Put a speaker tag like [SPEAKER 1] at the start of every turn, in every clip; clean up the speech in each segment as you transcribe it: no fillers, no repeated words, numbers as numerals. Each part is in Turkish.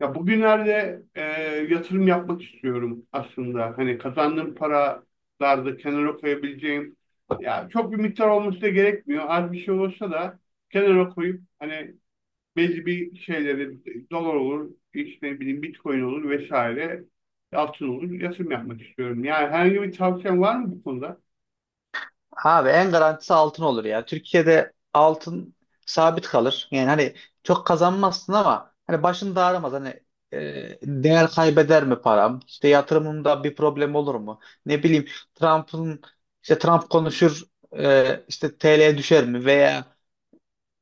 [SPEAKER 1] Ya bugünlerde yatırım yapmak istiyorum aslında. Hani kazandığım paralarda kenara koyabileceğim. Ya çok bir miktar olması da gerekmiyor. Az bir şey olsa da kenara koyup hani belli bir şeyleri dolar olur, işte ne bileyim Bitcoin olur vesaire altın olur yatırım yapmak istiyorum. Yani herhangi bir tavsiyen var mı bu konuda?
[SPEAKER 2] Abi en garantisi altın olur ya. Türkiye'de altın sabit kalır. Yani hani çok kazanmazsın ama hani başın da ağrımaz. Hani değer kaybeder mi param? İşte yatırımımda bir problem olur mu? Ne bileyim Trump'ın işte Trump konuşur, işte TL düşer mi? Veya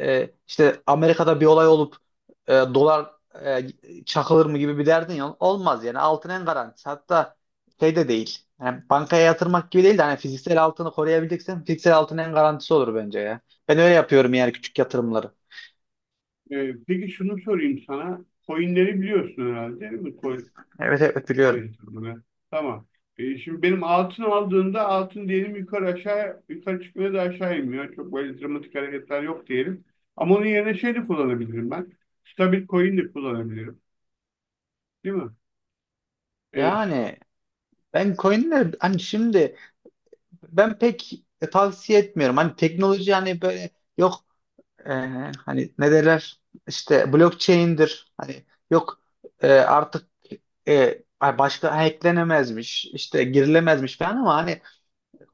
[SPEAKER 2] işte Amerika'da bir olay olup dolar e, çakılır mı gibi bir derdin ya olmaz yani. Altın en garantisi, hatta şey de değil yani bankaya yatırmak gibi değil de hani fiziksel altını koruyabileceksen fiziksel altın en garantisi olur bence ya. Ben öyle yapıyorum yani küçük yatırımları.
[SPEAKER 1] Peki şunu sorayım sana. Coinleri biliyorsun herhalde değil mi?
[SPEAKER 2] Evet, evet, biliyorum.
[SPEAKER 1] Konya turuna. Tamam. Şimdi benim altın aldığında altın diyelim yukarı aşağı yukarı çıkmıyor da aşağı inmiyor. Çok böyle dramatik hareketler yok diyelim. Ama onun yerine şey de kullanabilirim ben. Stabil coin de kullanabilirim. Değil mi? E,
[SPEAKER 2] Yani ben coinler hani şimdi ben pek tavsiye etmiyorum. Hani teknoloji, hani böyle yok, e, hani ne derler, işte blockchain'dir hani, yok, artık ay başka hacklenemezmiş, işte girilemezmiş falan, ama hani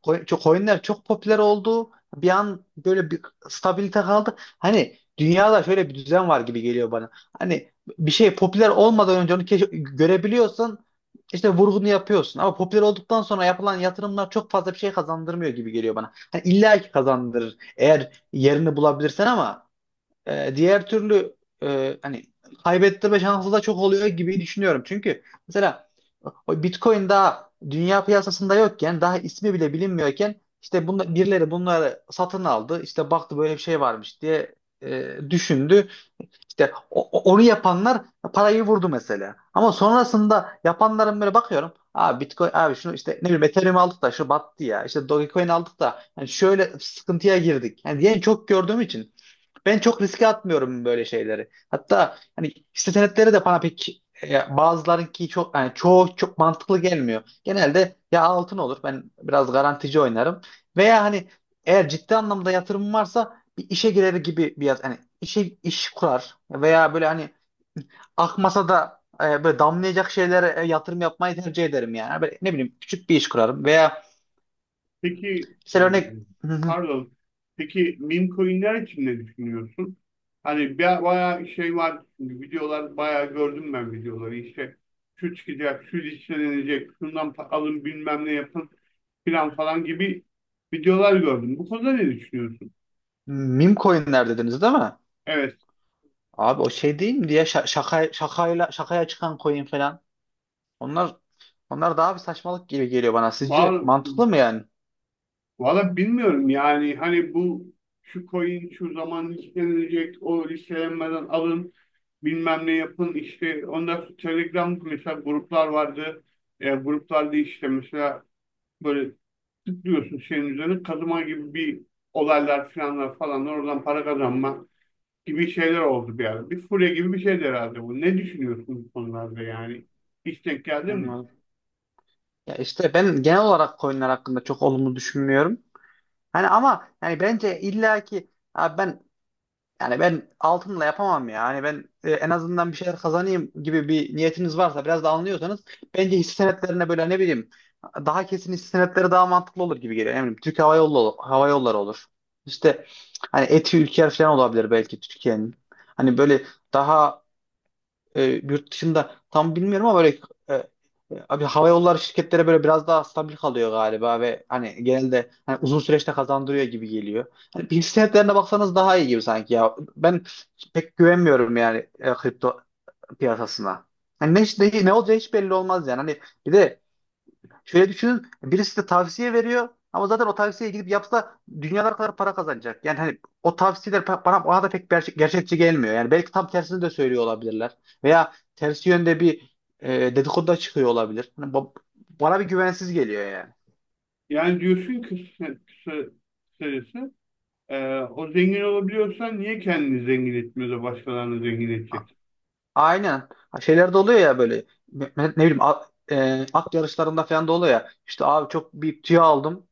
[SPEAKER 2] çok coinler çok popüler oldu bir an. Böyle bir stabilite kaldı, hani dünyada şöyle bir düzen var gibi geliyor bana. Hani bir şey popüler olmadan önce onu görebiliyorsan işte vurgunu yapıyorsun, ama popüler olduktan sonra yapılan yatırımlar çok fazla bir şey kazandırmıyor gibi geliyor bana. Hani illa ki kazandırır eğer yerini bulabilirsen, ama diğer türlü hani kaybettirme şansı da çok oluyor gibi düşünüyorum. Çünkü mesela o Bitcoin daha dünya piyasasında yokken, daha ismi bile bilinmiyorken, işte bunla, birileri bunları satın aldı. İşte baktı böyle bir şey varmış diye düşündü. İşte onu yapanlar parayı vurdu mesela. Ama sonrasında yapanların böyle bakıyorum. Abi Bitcoin, abi şunu, işte ne bileyim, Ethereum aldık da şu battı ya. İşte Dogecoin aldık da hani şöyle sıkıntıya girdik. Yani diyen çok gördüğüm için ben çok riske atmıyorum böyle şeyleri. Hatta hani hisse senetleri de bana pek, bazılarınki çok, yani çoğu çok mantıklı gelmiyor. Genelde ya altın olur, ben biraz garantici oynarım, veya hani eğer ciddi anlamda yatırımım varsa bir işe girer gibi bir hani işe, iş kurar, veya böyle hani akmasa da böyle damlayacak şeylere yatırım yapmayı tercih ederim yani. Böyle ne bileyim, küçük bir iş kurarım, veya
[SPEAKER 1] peki e,
[SPEAKER 2] mesela örnek
[SPEAKER 1] pardon. Peki meme coinler için ne düşünüyorsun? Hani bayağı şey var. Şimdi videolar bayağı gördüm ben videoları. İşte şu çıkacak, şu listelenecek, şundan alın bilmem ne yapın, filan falan gibi videolar gördüm. Bu konuda ne düşünüyorsun?
[SPEAKER 2] meme coinler dediniz değil mi?
[SPEAKER 1] Evet.
[SPEAKER 2] Abi o şey değil mi diye, şaka, şakayla, şakaya çıkan coin falan. Onlar onlar daha bir saçmalık gibi geliyor bana. Sizce
[SPEAKER 1] Var,
[SPEAKER 2] mantıklı mı yani?
[SPEAKER 1] valla bilmiyorum yani hani bu şu coin şu zaman listelenecek o listelenmeden alın bilmem ne yapın işte ondan sonra Telegram mesela gruplar vardı. Gruplarda işte mesela böyle tıklıyorsun şeyin üzerine kazıma gibi bir olaylar filanlar falanlar oradan para kazanma gibi şeyler oldu bir ara. Bir furya gibi bir şeydi herhalde bu. Ne düşünüyorsun bu konularda yani? Hiç denk geldi mi?
[SPEAKER 2] Anladım. Ya işte ben genel olarak coinler hakkında çok olumlu düşünmüyorum. Hani ama yani bence illaki, abi yani ben altınla yapamam ya. Hani ben en azından bir şeyler kazanayım gibi bir niyetiniz varsa, biraz da anlıyorsanız, bence hisse senetlerine, böyle ne bileyim, daha kesin, hisse senetleri daha mantıklı olur gibi geliyor. Eminim Türk Hava Yolları, Hava Yolları olur. İşte hani Eti, Ülker falan olabilir belki Türkiye'nin. Hani böyle daha yurt dışında tam bilmiyorum, ama böyle e, e, abi hava yolları şirketlere böyle biraz daha stabil kalıyor galiba, ve hani genelde hani uzun süreçte kazandırıyor gibi geliyor. Hani bir senetlerine baksanız daha iyi gibi sanki ya. Ben pek güvenmiyorum yani, kripto piyasasına. Hani ne olacağı hiç belli olmaz yani. Hani bir de şöyle düşünün: birisi de tavsiye veriyor, ama zaten o tavsiyeye gidip yapsa dünyalar kadar para kazanacak. Yani hani o tavsiyeler, bana da pek gerçekçi gelmiyor. Yani belki tam tersini de söylüyor olabilirler. Veya tersi yönde bir e, dedikodu da çıkıyor olabilir. Hani bana bir güvensiz geliyor yani.
[SPEAKER 1] Yani diyorsun ki kısa, kısa- kısacası, o zengin olabiliyorsan niye kendini zengin etmiyor da başkalarını zengin
[SPEAKER 2] A-
[SPEAKER 1] edecek?
[SPEAKER 2] Aynen. Ha, şeyler de oluyor ya böyle, ne bileyim, at yarışlarında falan da oluyor ya. İşte abi çok bir tüy aldım.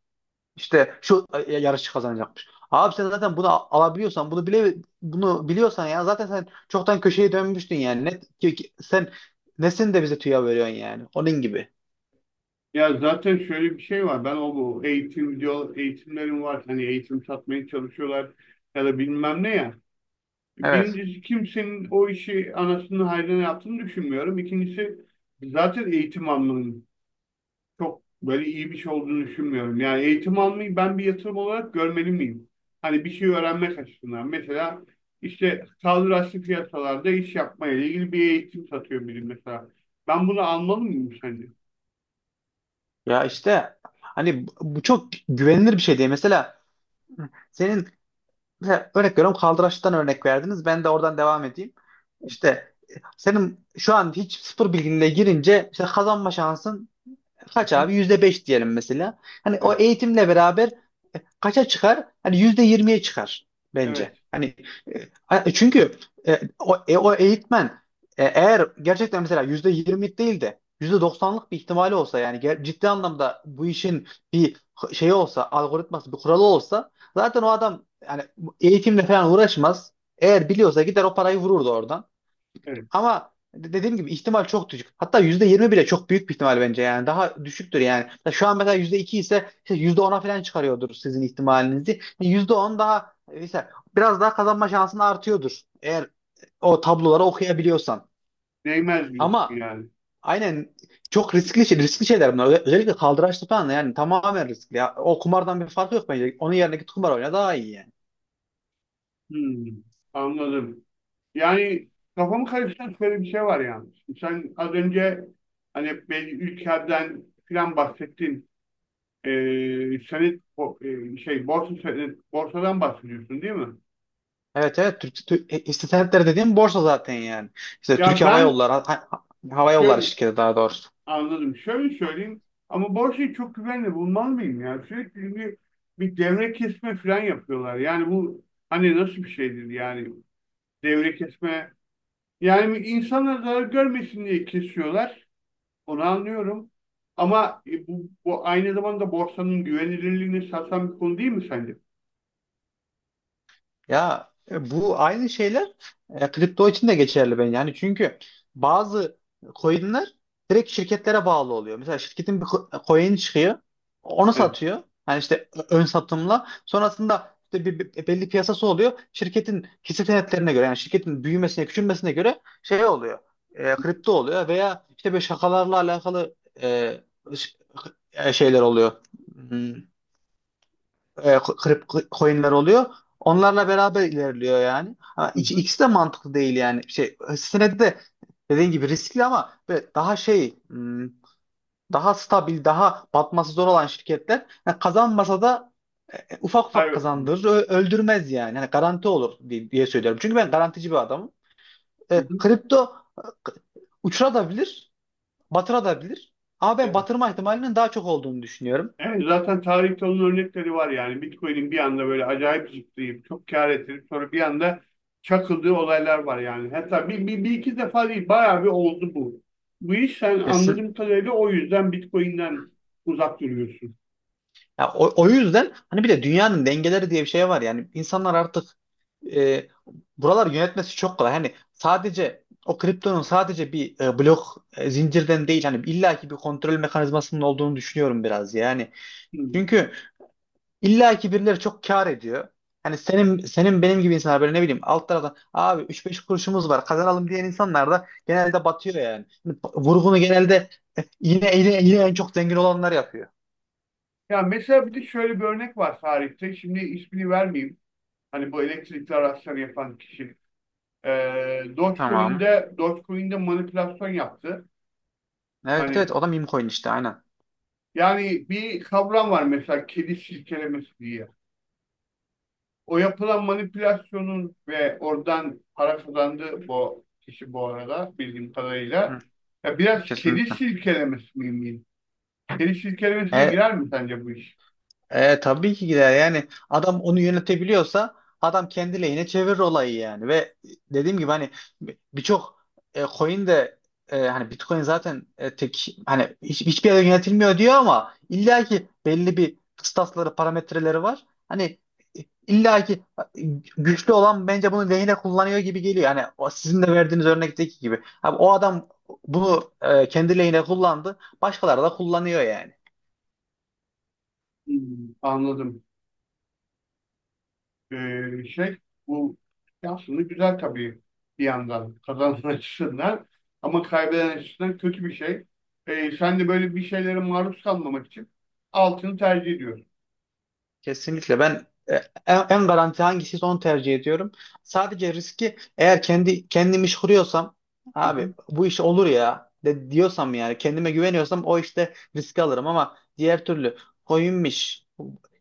[SPEAKER 2] İşte şu yarışçı kazanacakmış. Abi sen zaten bunu alabiliyorsan, bunu bile, bunu biliyorsan, ya zaten sen çoktan köşeye dönmüştün yani. Sen nesin de bize tüya veriyorsun yani? Onun gibi.
[SPEAKER 1] Ya zaten şöyle bir şey var. Ben bu eğitim video eğitimlerim var. Hani eğitim satmaya çalışıyorlar ya da bilmem ne ya.
[SPEAKER 2] Evet.
[SPEAKER 1] Birincisi kimsenin o işi anasını hayrına yaptığını düşünmüyorum. İkincisi zaten eğitim almanın çok böyle iyi bir şey olduğunu düşünmüyorum. Yani eğitim almayı ben bir yatırım olarak görmeli miyim? Hani bir şey öğrenmek açısından. Mesela işte kaldıraçlı piyasalarda iş yapmaya ilgili bir eğitim satıyor biri mesela. Ben bunu almalı mıyım sence?
[SPEAKER 2] Ya işte hani bu çok güvenilir bir şey değil. Mesela senin, mesela örnek veriyorum, kaldıraçtan örnek verdiniz, ben de oradan devam edeyim. İşte senin şu an hiç sıfır bilginle girince işte kazanma şansın
[SPEAKER 1] Hı
[SPEAKER 2] kaç
[SPEAKER 1] hı.
[SPEAKER 2] abi? %5 diyelim mesela. Hani o
[SPEAKER 1] Evet.
[SPEAKER 2] eğitimle beraber kaça çıkar? Hani %20'ye çıkar bence.
[SPEAKER 1] Evet.
[SPEAKER 2] Hani çünkü o eğitmen eğer gerçekten, mesela %20 değil de %90'lık bir ihtimali olsa, yani ciddi anlamda bu işin bir şeyi olsa, algoritması, bir kuralı olsa, zaten o adam yani eğitimle falan uğraşmaz. Eğer biliyorsa gider o parayı vururdu oradan.
[SPEAKER 1] Evet.
[SPEAKER 2] Ama dediğim gibi ihtimal çok düşük. Hatta %20 bile çok büyük bir ihtimal bence yani. Daha düşüktür yani. Ya şu an mesela %2 ise işte %10'a falan çıkarıyordur sizin ihtimalinizi. %10 daha, mesela biraz daha kazanma şansın artıyordur, eğer o tabloları okuyabiliyorsan.
[SPEAKER 1] Değmez diyorsun
[SPEAKER 2] Ama
[SPEAKER 1] yani.
[SPEAKER 2] aynen, çok riskli şey, riskli şeyler bunlar. Özellikle kaldıraçlı falan yani tamamen riskli. Ya, o kumardan bir farkı yok bence. Onun yerine git kumar oyna daha iyi yani.
[SPEAKER 1] Hmm, anladım. Yani kafamı karıştıran şöyle bir şey var yani. Sen az önce hani belli ülkeden filan bahsettin. E, senet o, e, şey borsa senet, borsadan bahsediyorsun değil mi?
[SPEAKER 2] Evet, evet. İstihbaratları dediğim borsa zaten yani. İşte Türk
[SPEAKER 1] Ya
[SPEAKER 2] Hava
[SPEAKER 1] ben
[SPEAKER 2] Yolları, ha- Hava Yolları
[SPEAKER 1] şöyle
[SPEAKER 2] şirketi daha doğrusu.
[SPEAKER 1] anladım. Şöyle söyleyeyim ama borsayı çok güvenli bulmalı mıyım ya? Sürekli çünkü bir devre kesme falan yapıyorlar. Yani bu hani nasıl bir şeydir yani devre kesme yani bir insanlar zarar görmesin diye kesiyorlar. Onu anlıyorum. Ama bu aynı zamanda borsanın güvenilirliğini sarsan bir konu değil mi sence?
[SPEAKER 2] Ya bu aynı şeyler kripto için de geçerli ben yani, çünkü bazı coinler direkt şirketlere bağlı oluyor. Mesela şirketin bir coin çıkıyor, onu
[SPEAKER 1] Evet.
[SPEAKER 2] satıyor. Yani işte ön satımla sonrasında, işte belli piyasası oluyor. Şirketin hisse senetlerine göre, yani şirketin büyümesine, küçülmesine göre şey oluyor, kripto oluyor, veya işte böyle şakalarla alakalı e, ş- şeyler oluyor. Hmm, kripto coinler oluyor. Onlarla beraber ilerliyor yani. Ama
[SPEAKER 1] Hı hı.
[SPEAKER 2] ikisi de mantıklı değil yani. Şey, senedi de dediğin gibi riskli, ama böyle daha şey, hmm, daha stabil, daha batması zor olan şirketler yani kazanmasa da ufak ufak
[SPEAKER 1] Hayır.
[SPEAKER 2] kazandırır, öldürmez yani. Hani garanti olur diye söylüyorum. Çünkü ben garantici bir adamım.
[SPEAKER 1] Hı hı.
[SPEAKER 2] Kripto uçurabilir, batırabilir. Ama ben
[SPEAKER 1] Evet.
[SPEAKER 2] batırma ihtimalinin daha çok olduğunu düşünüyorum.
[SPEAKER 1] Evet, zaten tarihte onun örnekleri var yani. Bitcoin'in bir anda böyle acayip zıplayıp çok kâr ettirip sonra bir anda çakıldığı olaylar var yani. Hatta bir iki defa değil bayağı bir oldu bu. Bu iş sen anladığım kadarıyla o yüzden Bitcoin'den uzak duruyorsun.
[SPEAKER 2] Ya o yüzden, hani bir de dünyanın dengeleri diye bir şey var yani, insanlar artık, e, buralar yönetmesi çok kolay. Hani sadece o kriptonun sadece bir blok zincirden değil, hani illaki bir kontrol mekanizmasının olduğunu düşünüyorum biraz yani.
[SPEAKER 1] Hmm.
[SPEAKER 2] Çünkü illaki birileri çok kâr ediyor. Hani senin benim gibi insanlar, böyle ne bileyim alt taraftan, abi 3-5 kuruşumuz var kazanalım diyen insanlar da genelde batıyor yani. Hani vurgunu genelde yine en çok zengin olanlar yapıyor.
[SPEAKER 1] Ya mesela bir de şöyle bir örnek var tarihte. Şimdi ismini vermeyeyim. Hani bu elektrikli araçları yapan kişi.
[SPEAKER 2] Tamam.
[SPEAKER 1] Dogecoin'de manipülasyon yaptı.
[SPEAKER 2] Evet,
[SPEAKER 1] Hani
[SPEAKER 2] evet, o da meme coin işte, aynen.
[SPEAKER 1] yani bir kavram var mesela kedi silkelemesi diye. O yapılan manipülasyonun ve oradan para kazandığı bu kişi bu arada bildiğim kadarıyla
[SPEAKER 2] Hı,
[SPEAKER 1] ya biraz kedi
[SPEAKER 2] kesinlikle.
[SPEAKER 1] silkelemesi miyim? Kedi silkelemesine
[SPEAKER 2] E,
[SPEAKER 1] girer mi sence bu iş?
[SPEAKER 2] Tabii ki gider. Yani adam onu yönetebiliyorsa, adam kendi lehine çevirir olayı yani. Ve dediğim gibi, hani birçok coin de, hani Bitcoin zaten tek, hani hiçbir yere yönetilmiyor diyor, ama illa ki belli bir kıstasları, parametreleri var. Hani e, illa ki güçlü olan bence bunu lehine kullanıyor gibi geliyor. Hani o sizin de verdiğiniz örnekteki gibi. Abi, o adam bunu kendi lehine kullandı. Başkaları da kullanıyor yani.
[SPEAKER 1] Hmm, anladım. Şey bu şey aslında güzel tabii bir yandan kazanan açısından ama kaybeden açısından kötü bir şey. Sen de böyle bir şeylere maruz kalmamak için altını tercih ediyorsun.
[SPEAKER 2] Kesinlikle ben en garanti hangisi onu tercih ediyorum. Sadece riski, eğer kendi kendimi iş kuruyorsam, abi bu iş olur ya diyorsam, yani kendime güveniyorsam, o işte riski alırım. Ama diğer türlü coinmiş,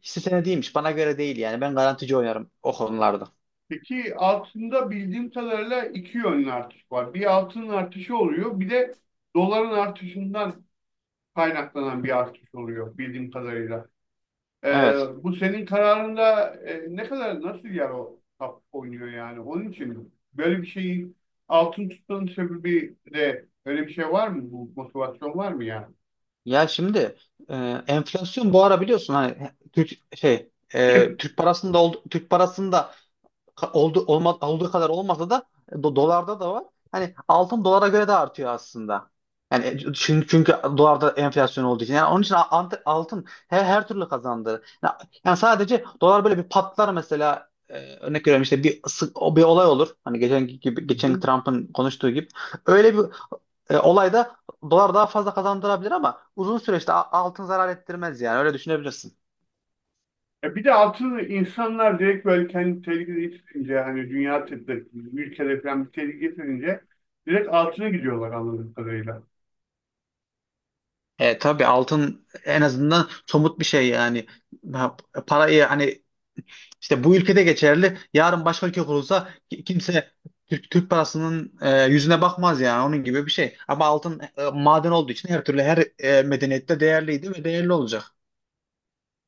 [SPEAKER 2] hisse senediymiş, bana göre değil yani. Ben garantici oynarım o konularda.
[SPEAKER 1] Peki altında bildiğim kadarıyla iki yönlü artış var. Bir altının artışı oluyor, bir de doların artışından kaynaklanan bir artış oluyor bildiğim kadarıyla. Ee,
[SPEAKER 2] Evet.
[SPEAKER 1] bu senin kararında ne kadar nasıl yer o tap oynuyor yani? Onun için böyle bir şeyi altın tutmanın sebebi de öyle bir şey var mı? Bu motivasyon var mı yani?
[SPEAKER 2] Ya şimdi e, enflasyon bu ara biliyorsun hani, Türk şey, Türk parasında oldu, Türk parasında oldu, olduğu kadar olmasa da dolarda da var. Hani altın dolara göre de artıyor aslında. Yani çünkü dolarda enflasyon olduğu için. Yani onun için altın her türlü kazandırır. Yani sadece dolar böyle bir patlar mesela, örnek veriyorum, işte bir o bir olay olur. Hani geçen gibi,
[SPEAKER 1] Hı
[SPEAKER 2] geçen
[SPEAKER 1] hı.
[SPEAKER 2] Trump'ın konuştuğu gibi. Öyle bir olayda dolar daha fazla kazandırabilir, ama uzun süreçte altın zarar ettirmez yani, öyle düşünebilirsin.
[SPEAKER 1] E bir de altını insanlar direkt böyle kendi tehlikede getirince hani dünya tıbbı ülkede falan bir tehlike getirince direkt altına gidiyorlar anladığım kadarıyla.
[SPEAKER 2] Tabii, altın en azından somut bir şey yani. Ha, parayı hani işte bu ülkede geçerli, yarın başka ülke kurulsa kimse Türk, Türk parasının yüzüne bakmaz yani, onun gibi bir şey. Ama altın, maden olduğu için, her türlü, medeniyette değerliydi ve değerli olacak.